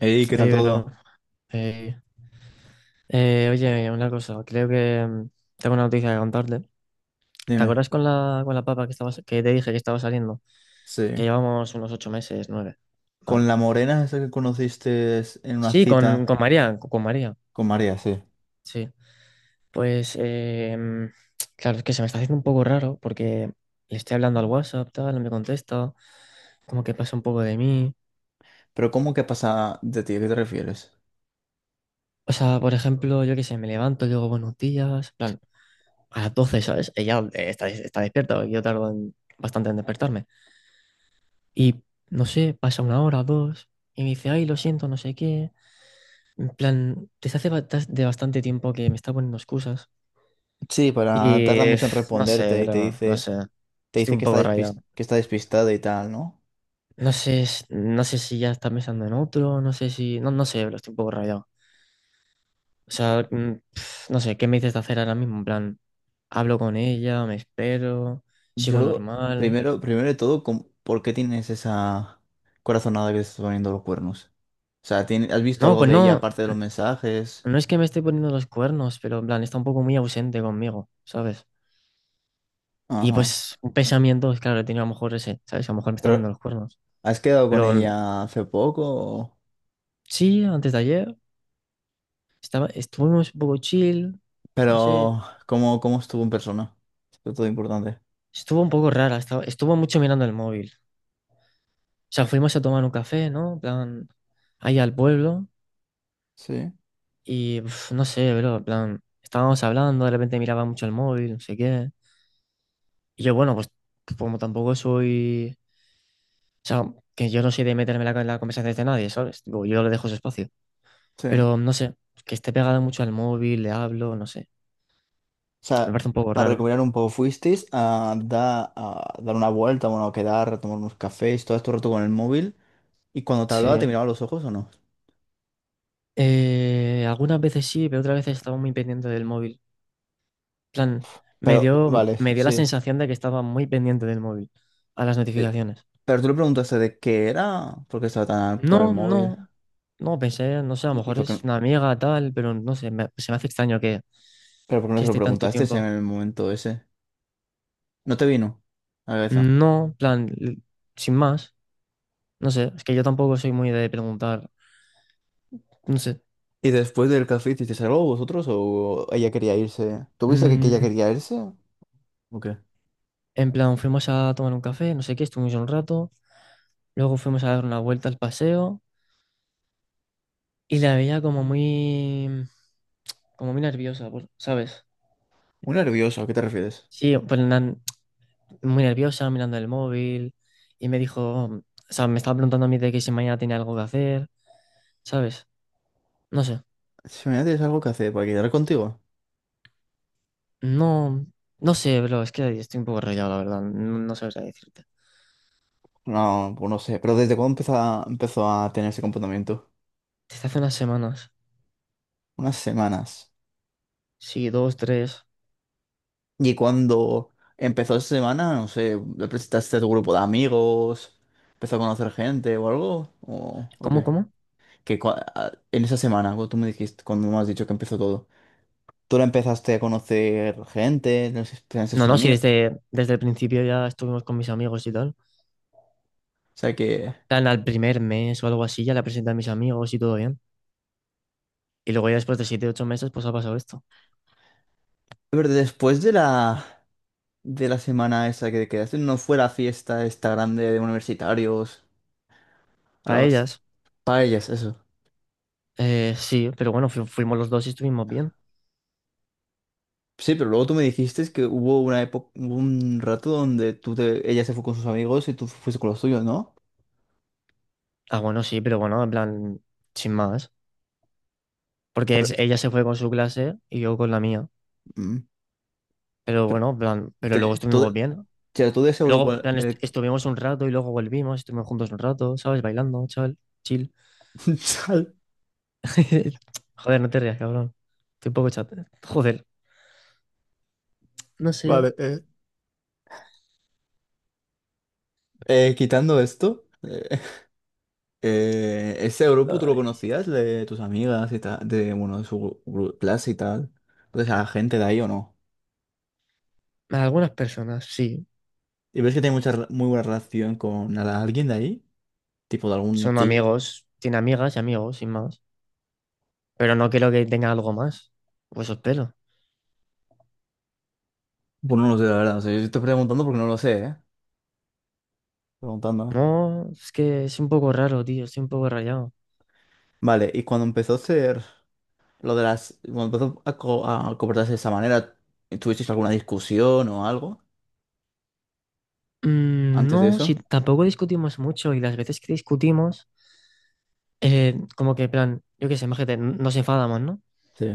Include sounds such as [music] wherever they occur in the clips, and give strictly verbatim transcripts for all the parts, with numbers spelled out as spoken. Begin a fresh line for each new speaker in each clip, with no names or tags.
Ey, ¿qué tal
Oye, pero,
todo?
eh, eh, oye, una cosa, creo que mm, tengo una noticia que contarte. ¿Te
Dime.
acuerdas con la, con la papa que estaba, que te dije que estaba saliendo? Que
Sí.
llevamos unos ocho meses, nueve.
Con
Vale.
la morena esa que conociste en una
Sí, con,
cita
con María, con, con María,
con María, sí.
sí. Pues, eh, mm, claro, es que se me está haciendo un poco raro porque le estoy hablando al WhatsApp, tal, no me contesta, como que pasa un poco de mí.
Pero ¿cómo que pasa de ti? ¿A qué te refieres?
O sea, por ejemplo, yo qué sé, me levanto, le digo buenos días, en plan, a las doce, ¿sabes? Ella eh, está, está despierta, porque yo tardo en- bastante en despertarme. Y no sé, pasa una hora, o dos, y me dice, ay, lo siento, no sé qué. En plan, desde hace ba- tas- de bastante tiempo que me está poniendo excusas.
Sí,
Y
para tarda
eh,
mucho en
no sé,
responderte y te
bro, no
dice,
sé.
te
Estoy
dice
un
que está
poco
despis-
rayado.
que está despistada y tal, ¿no?
No sé, s- no sé si ya está pensando en otro, no sé si. No, no sé, bro, estoy un poco rayado. O sea, mm, pf, no sé, ¿qué me dices de hacer ahora mismo? En plan, hablo con ella, me espero, sigo
Yo,
normal.
primero, primero de todo, com- ¿por qué tienes esa corazonada que te estás poniendo los cuernos? O sea, ¿tien- ¿has visto
No,
algo
pues
de ella
no,
aparte de los mensajes?
no es que me esté poniendo los cuernos, pero en plan, está un poco muy ausente conmigo, ¿sabes? Y
Ajá.
pues un pensamiento, es claro, he tenido a lo mejor ese, ¿sabes? A lo mejor me está poniendo
Pero,
los cuernos.
¿has quedado con
Pero mm,
ella hace poco? ¿O?
sí, antes de ayer estaba, estuvimos un poco chill, no sé,
Pero, ¿cómo, cómo estuvo en persona? Esto es todo importante.
estuvo un poco rara, estaba, estuvo mucho mirando el móvil. O sea, fuimos a tomar un café, ¿no? En plan, ahí al pueblo
Sí,
y uf, no sé, pero en plan, estábamos hablando, de repente miraba mucho el móvil, no sé qué. Y yo, bueno, pues como tampoco soy, o sea, que yo no soy de meterme en la, en la conversación de nadie, ¿sabes? Tipo, yo le dejo su espacio.
sí. O
Pero no sé, que esté pegado mucho al móvil, le hablo, no sé. Me
sea,
parece un poco
para
raro.
recuperar un poco, ¿fuisteis a, da- a dar una vuelta, bueno, a quedar, a tomar unos cafés, todo este rato con el móvil? ¿Y cuando te
Sí.
hablaba, te miraba a los ojos o no?
Eh, algunas veces sí, pero otras veces estaba muy pendiente del móvil. En plan, me
Pero,
dio,
vale,
me dio la
sí.
sensación de que estaba muy pendiente del móvil, a las
Eh,
notificaciones.
Pero tú le preguntaste de qué era, por qué estaba tan con el
No,
móvil.
no, no, pensé, no sé, a lo
¿Y y
mejor
por qué,
es una amiga, tal, pero no sé, me- se me hace extraño que,
¿pero por qué no
que
se lo
esté tanto
preguntaste en
tiempo.
el momento ese? ¿No te vino a la cabeza?
No, en plan, l- sin más, no sé, es que yo tampoco soy muy de preguntar, no sé.
Y después del café, ¿hicisteis algo vosotros o ella quería irse? ¿Tuviste que, que ella
Mm,
quería irse? ¿O qué?
En plan, fuimos a tomar un café, no sé qué, estuvimos un rato, luego fuimos a dar una vuelta al paseo y la veía como muy, como muy nerviosa, por- ¿sabes?
Muy nervioso, ¿a qué te refieres?
Sí, pues, na- muy nerviosa, mirando el móvil y me dijo, o sea, me estaba preguntando a mí de que si mañana tenía algo que hacer, ¿sabes? No sé,
Si mañana tienes algo que hacer para quedar contigo.
no, no sé, bro, es que estoy un poco rayado, la verdad, no, no sabría decirte.
No, pues no sé, pero ¿desde cuándo empezó a, empezó a tener ese comportamiento?
Desde hace unas semanas,
Unas semanas.
sí, dos, tres,
Y cuando empezó esa semana, no sé, ¿le presentaste a tu grupo de amigos? ¿Empezó a conocer gente o algo? ¿O, o
¿cómo,
qué?
cómo?
Que cua- a- en esa semana, cuando tú me dijiste, cuando me has dicho que empezó todo, ¿tú la empezaste a conocer gente? ¿No sé,
No,
sus
no, sí,
amigos?
desde, desde el principio ya estuvimos con mis amigos y tal.
O sea que...
Tan al primer mes o algo así, ya la presenté a mis amigos y todo bien. Y luego ya después de siete ocho meses, pues ha pasado esto.
Pero después de la, de la semana esa que te quedaste, no fue la fiesta esta grande de universitarios, a
Para
las
ellas,
paellas, eso.
eh, sí, pero bueno, fu- fuimos los dos y estuvimos bien.
Sí, pero luego tú me dijiste que hubo una época, un rato donde tú te, ella se fue con sus amigos y tú fuiste con los tuyos, ¿no?
Ah, bueno, sí, pero bueno, en plan, sin más. Porque es- ella se fue con su clase y yo con la mía.
Mm.
Pero
Pero
bueno, en plan, pero luego
te,
estuvimos
todo,
bien.
todo ese grupo...
Luego, en plan, est-
el-
estuvimos un rato y luego volvimos, estuvimos juntos un rato, ¿sabes? Bailando, chaval, chill.
[laughs]
[laughs] Joder, no te rías, cabrón. Estoy un poco chat. Joder, no sé.
Vale, eh, eh, quitando esto. Eh, Eh, ese grupo tú lo
Ay,
conocías de tus amigas y tal, de, bueno, de su gru- clase y tal. Entonces, a la gente de ahí o no.
algunas personas, sí.
¿Y ves que tiene mucha, re- muy buena relación con ala- alguien de ahí? Tipo de algún
Son
tío.
amigos, tiene amigas y amigos, sin más. Pero no quiero que tenga algo más. Pues os pelo.
Pues no lo sé, la verdad. O sea, yo estoy preguntando porque no lo sé, ¿eh? Preguntando.
No, es que es un poco raro, tío, estoy un poco rayado.
Vale, y cuando empezó a ser lo de las. Cuando empezó a, co- a comportarse de esa manera, ¿tuvisteis alguna discusión o algo
Mm,
antes de
no, si
eso?
tampoco discutimos mucho y las veces que discutimos, eh, como que, en plan, yo qué sé, imagínate, n- nos enfadamos, ¿no?
Sí.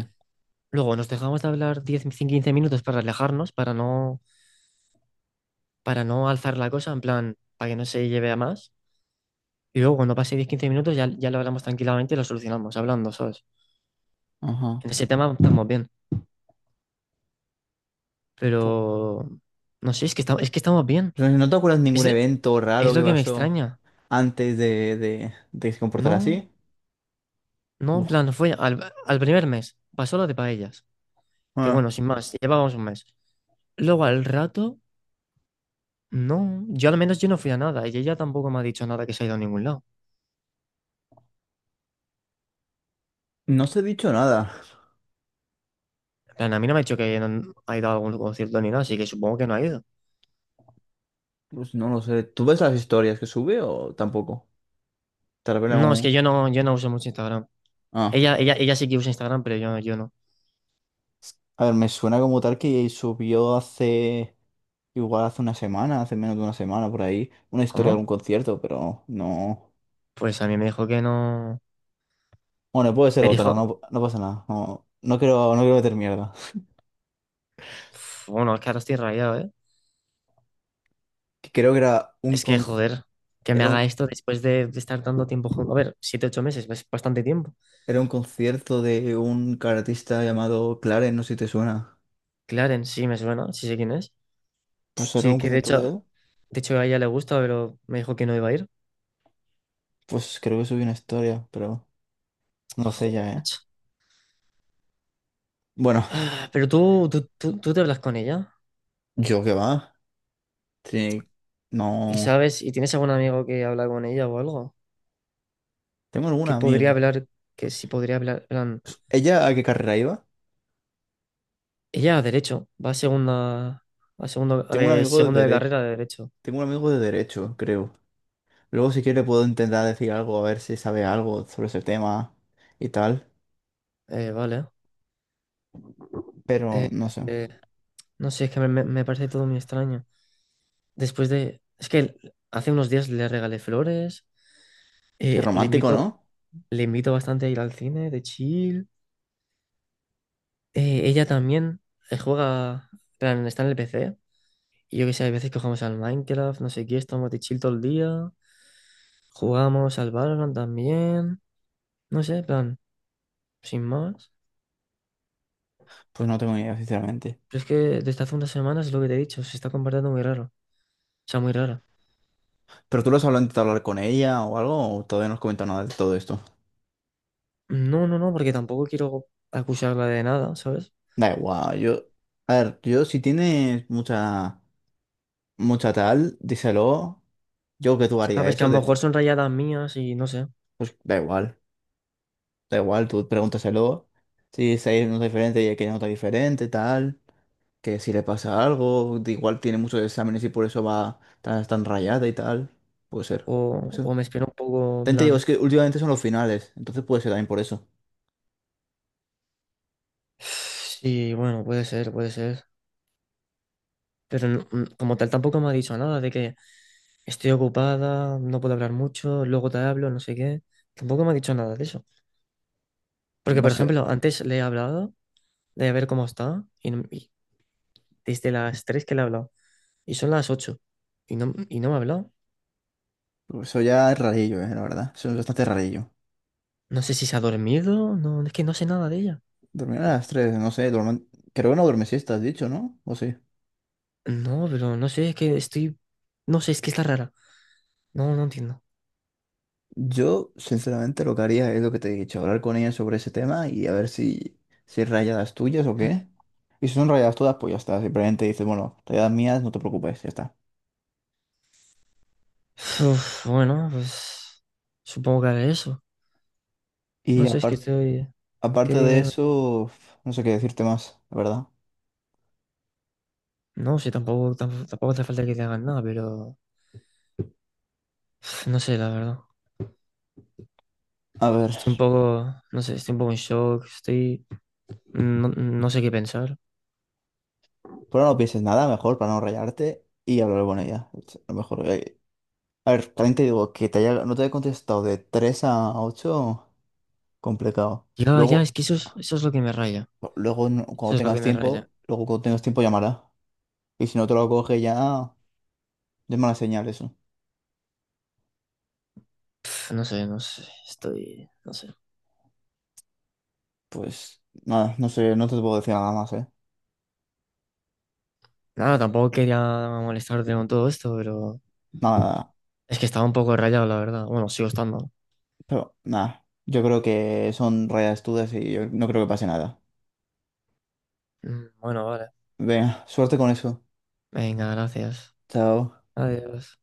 Luego nos dejamos de hablar diez, quince minutos para relajarnos, para no, para no alzar la cosa, en plan, para que no se lleve a más. Y luego cuando pase diez quince minutos ya, ya lo hablamos tranquilamente y lo solucionamos hablando, ¿sabes?
Ajá.
En ese tema estamos bien. Pero
Pu-
no sé, es que estamos, es que estamos bien.
Pero no te acuerdas de ningún
Es,
evento raro
es
que
lo que me
pasó
extraña.
antes de, de, de que se comportara
No,
así.
no, en
Uf,
plan, no fue al, al primer mes, pasó lo de paellas. Que
ah.
bueno, sin más, llevábamos un mes. Luego al rato, no. Yo al menos yo no fui a nada y ella tampoco me ha dicho nada que se ha ido a ningún lado.
No se ha dicho nada.
En plan, a mí no me ha dicho que no ha ido a algún concierto ni nada, así que supongo que no ha ido.
Pues no lo sé. ¿Tú ves las historias que sube o tampoco? Tal vez
No, es que
algún...
yo no, yo no uso mucho Instagram.
Ah.
Ella, ella, ella sí que usa Instagram, pero yo, yo no.
A ver, me suena como tal que subió hace... Igual hace una semana, hace menos de una semana por ahí, una historia de algún
¿Cómo?
concierto, pero no...
Pues a mí me dijo que no.
Bueno, puede ser
Me
otra,
dijo,
no, no pasa nada. No, no quiero, no quiero meter mierda.
uf, bueno, es que ahora estoy rayado, ¿eh?
Que creo que era un,
Es que,
con-
joder, que me
era
haga
un,
esto después de, de estar tanto tiempo juntos. A ver, siete, ocho meses, es bastante tiempo.
era un concierto de un artista llamado Clarence, no sé si te suena.
Clarence, sí me suena, sí sé quién es.
No sé, era
Sí,
un
que de
concierto de
hecho,
él.
de hecho a ella le gusta, pero me dijo que no iba a ir.
Pues creo que subí una historia, pero no sé
Joder,
ya, ¿eh?
macho.
Bueno,
Ah, pero tú, tú, tú, tú te hablas con ella
yo qué va. Sí.
y
No.
sabes, y tienes algún amigo que habla con ella o algo,
Tengo algún
que podría
amigo.
hablar, que sí podría hablar, en plan,
¿Ella a qué carrera iba?
ella a derecho, va a segunda, a segundo, a
Tengo un
ver,
amigo de
segundo de
dere...
carrera de derecho.
Tengo un amigo de derecho, creo. Luego si quiere puedo intentar decir algo, a ver si sabe algo sobre ese tema y tal.
Eh, vale.
Pero
Eh,
no sé.
eh, no sé, es que me, me me parece todo muy extraño. Después de... Es que hace unos días le regalé flores,
Qué
eh, le
romántico,
invito,
¿no?
le invito bastante a ir al cine de chill. Eh, ella también eh, juega, plan, está en el P C. Y yo que sé, hay veces que jugamos al Minecraft, no sé qué, estamos de chill todo el día. Jugamos al Valorant también. No sé, plan, sin más.
Pues no tengo ni idea, sinceramente.
Pero es que desde hace unas semanas es lo que te he dicho, se está comportando muy raro. O sea, muy rara.
¿Pero tú lo has hablado, intentado hablar con ella o algo? ¿O todavía no has comentado nada de todo esto?
No, no, no, porque tampoco quiero acusarla de nada, ¿sabes?
Da igual, yo... A ver, yo si tienes mucha... mucha tal, díselo. Yo que tú haría
Sabes que a
eso,
lo
deci-
mejor son rayadas mías y no sé.
pues da igual, da igual, tú pregúntaselo. Si se nota diferente y el que no nota diferente, tal, que si le pasa algo, de igual tiene muchos exámenes y por eso va tan, tan rayada y tal. Puede ser, puede
O,
ser.
o me espero un poco, en
También te
plan.
digo, es que últimamente son los finales, entonces puede ser también por eso.
Sí, bueno, puede ser, puede ser. Pero no- mm, como tal tampoco me ha dicho nada de que estoy ocupada, no puedo hablar mucho, luego te hablo, no sé qué. Tampoco me ha dicho nada de eso. Porque,
No
por
sé,
ejemplo, antes le he hablado de ver cómo está y, no- y desde las tres que le he hablado y son las ocho y no, y no me ha hablado.
pero eso ya es rarillo, eh, la verdad. Eso es bastante rarillo.
No sé si se ha dormido, no, es que no sé nada de ella.
Dormir a las tres, no sé, duerme- creo que no duerme siesta, has dicho, ¿no? ¿O sí?
No, pero no sé, es que estoy... No sé, es que está rara. No, no entiendo.
Yo, sinceramente, lo que haría es lo que te he dicho, hablar con ella sobre ese tema y a ver si, si hay rayadas tuyas o qué. Y si son rayadas todas, pues ya está. Simplemente dices, bueno, rayadas mías, no te preocupes, ya está.
Uf, bueno, pues supongo que haré eso.
Y
No sé, es que
apar-
estoy... ¿Qué
Aparte
dime?
de
Dime.
eso, no sé qué decirte más, la verdad.
No, sí tampoco, tampoco, tampoco hace falta que te hagan nada, pero pf, no sé, la verdad.
A ver,
Estoy un poco, no sé, estoy un poco en shock, estoy... No, no sé qué pensar.
pero no pienses nada, mejor para no rayarte y hablar con ella. Es lo mejor, eh. A ver, también te digo que te haya- no te haya contestado de tres a ocho complicado.
Ya, ya,
Luego,
es que eso es, eso es lo que me raya.
luego no-
Eso
Cuando
es lo que
tengas
me raya.
tiempo, luego cuando tengas tiempo llamará. Y si no te lo coge ya, ah, es mala señal eso.
Pf, no sé, no sé, estoy... No sé.
Pues nada, no sé, no te puedo decir nada más, ¿eh?
Nada, tampoco quería molestarte con todo esto, pero
Nada, nada.
es que estaba un poco rayado, la verdad. Bueno, sigo estando.
Pero nada, yo creo que son rayas dudas y yo no creo que pase nada.
Mm, Bueno, vale.
Venga, suerte con eso.
Venga, gracias.
Chao.
Adiós.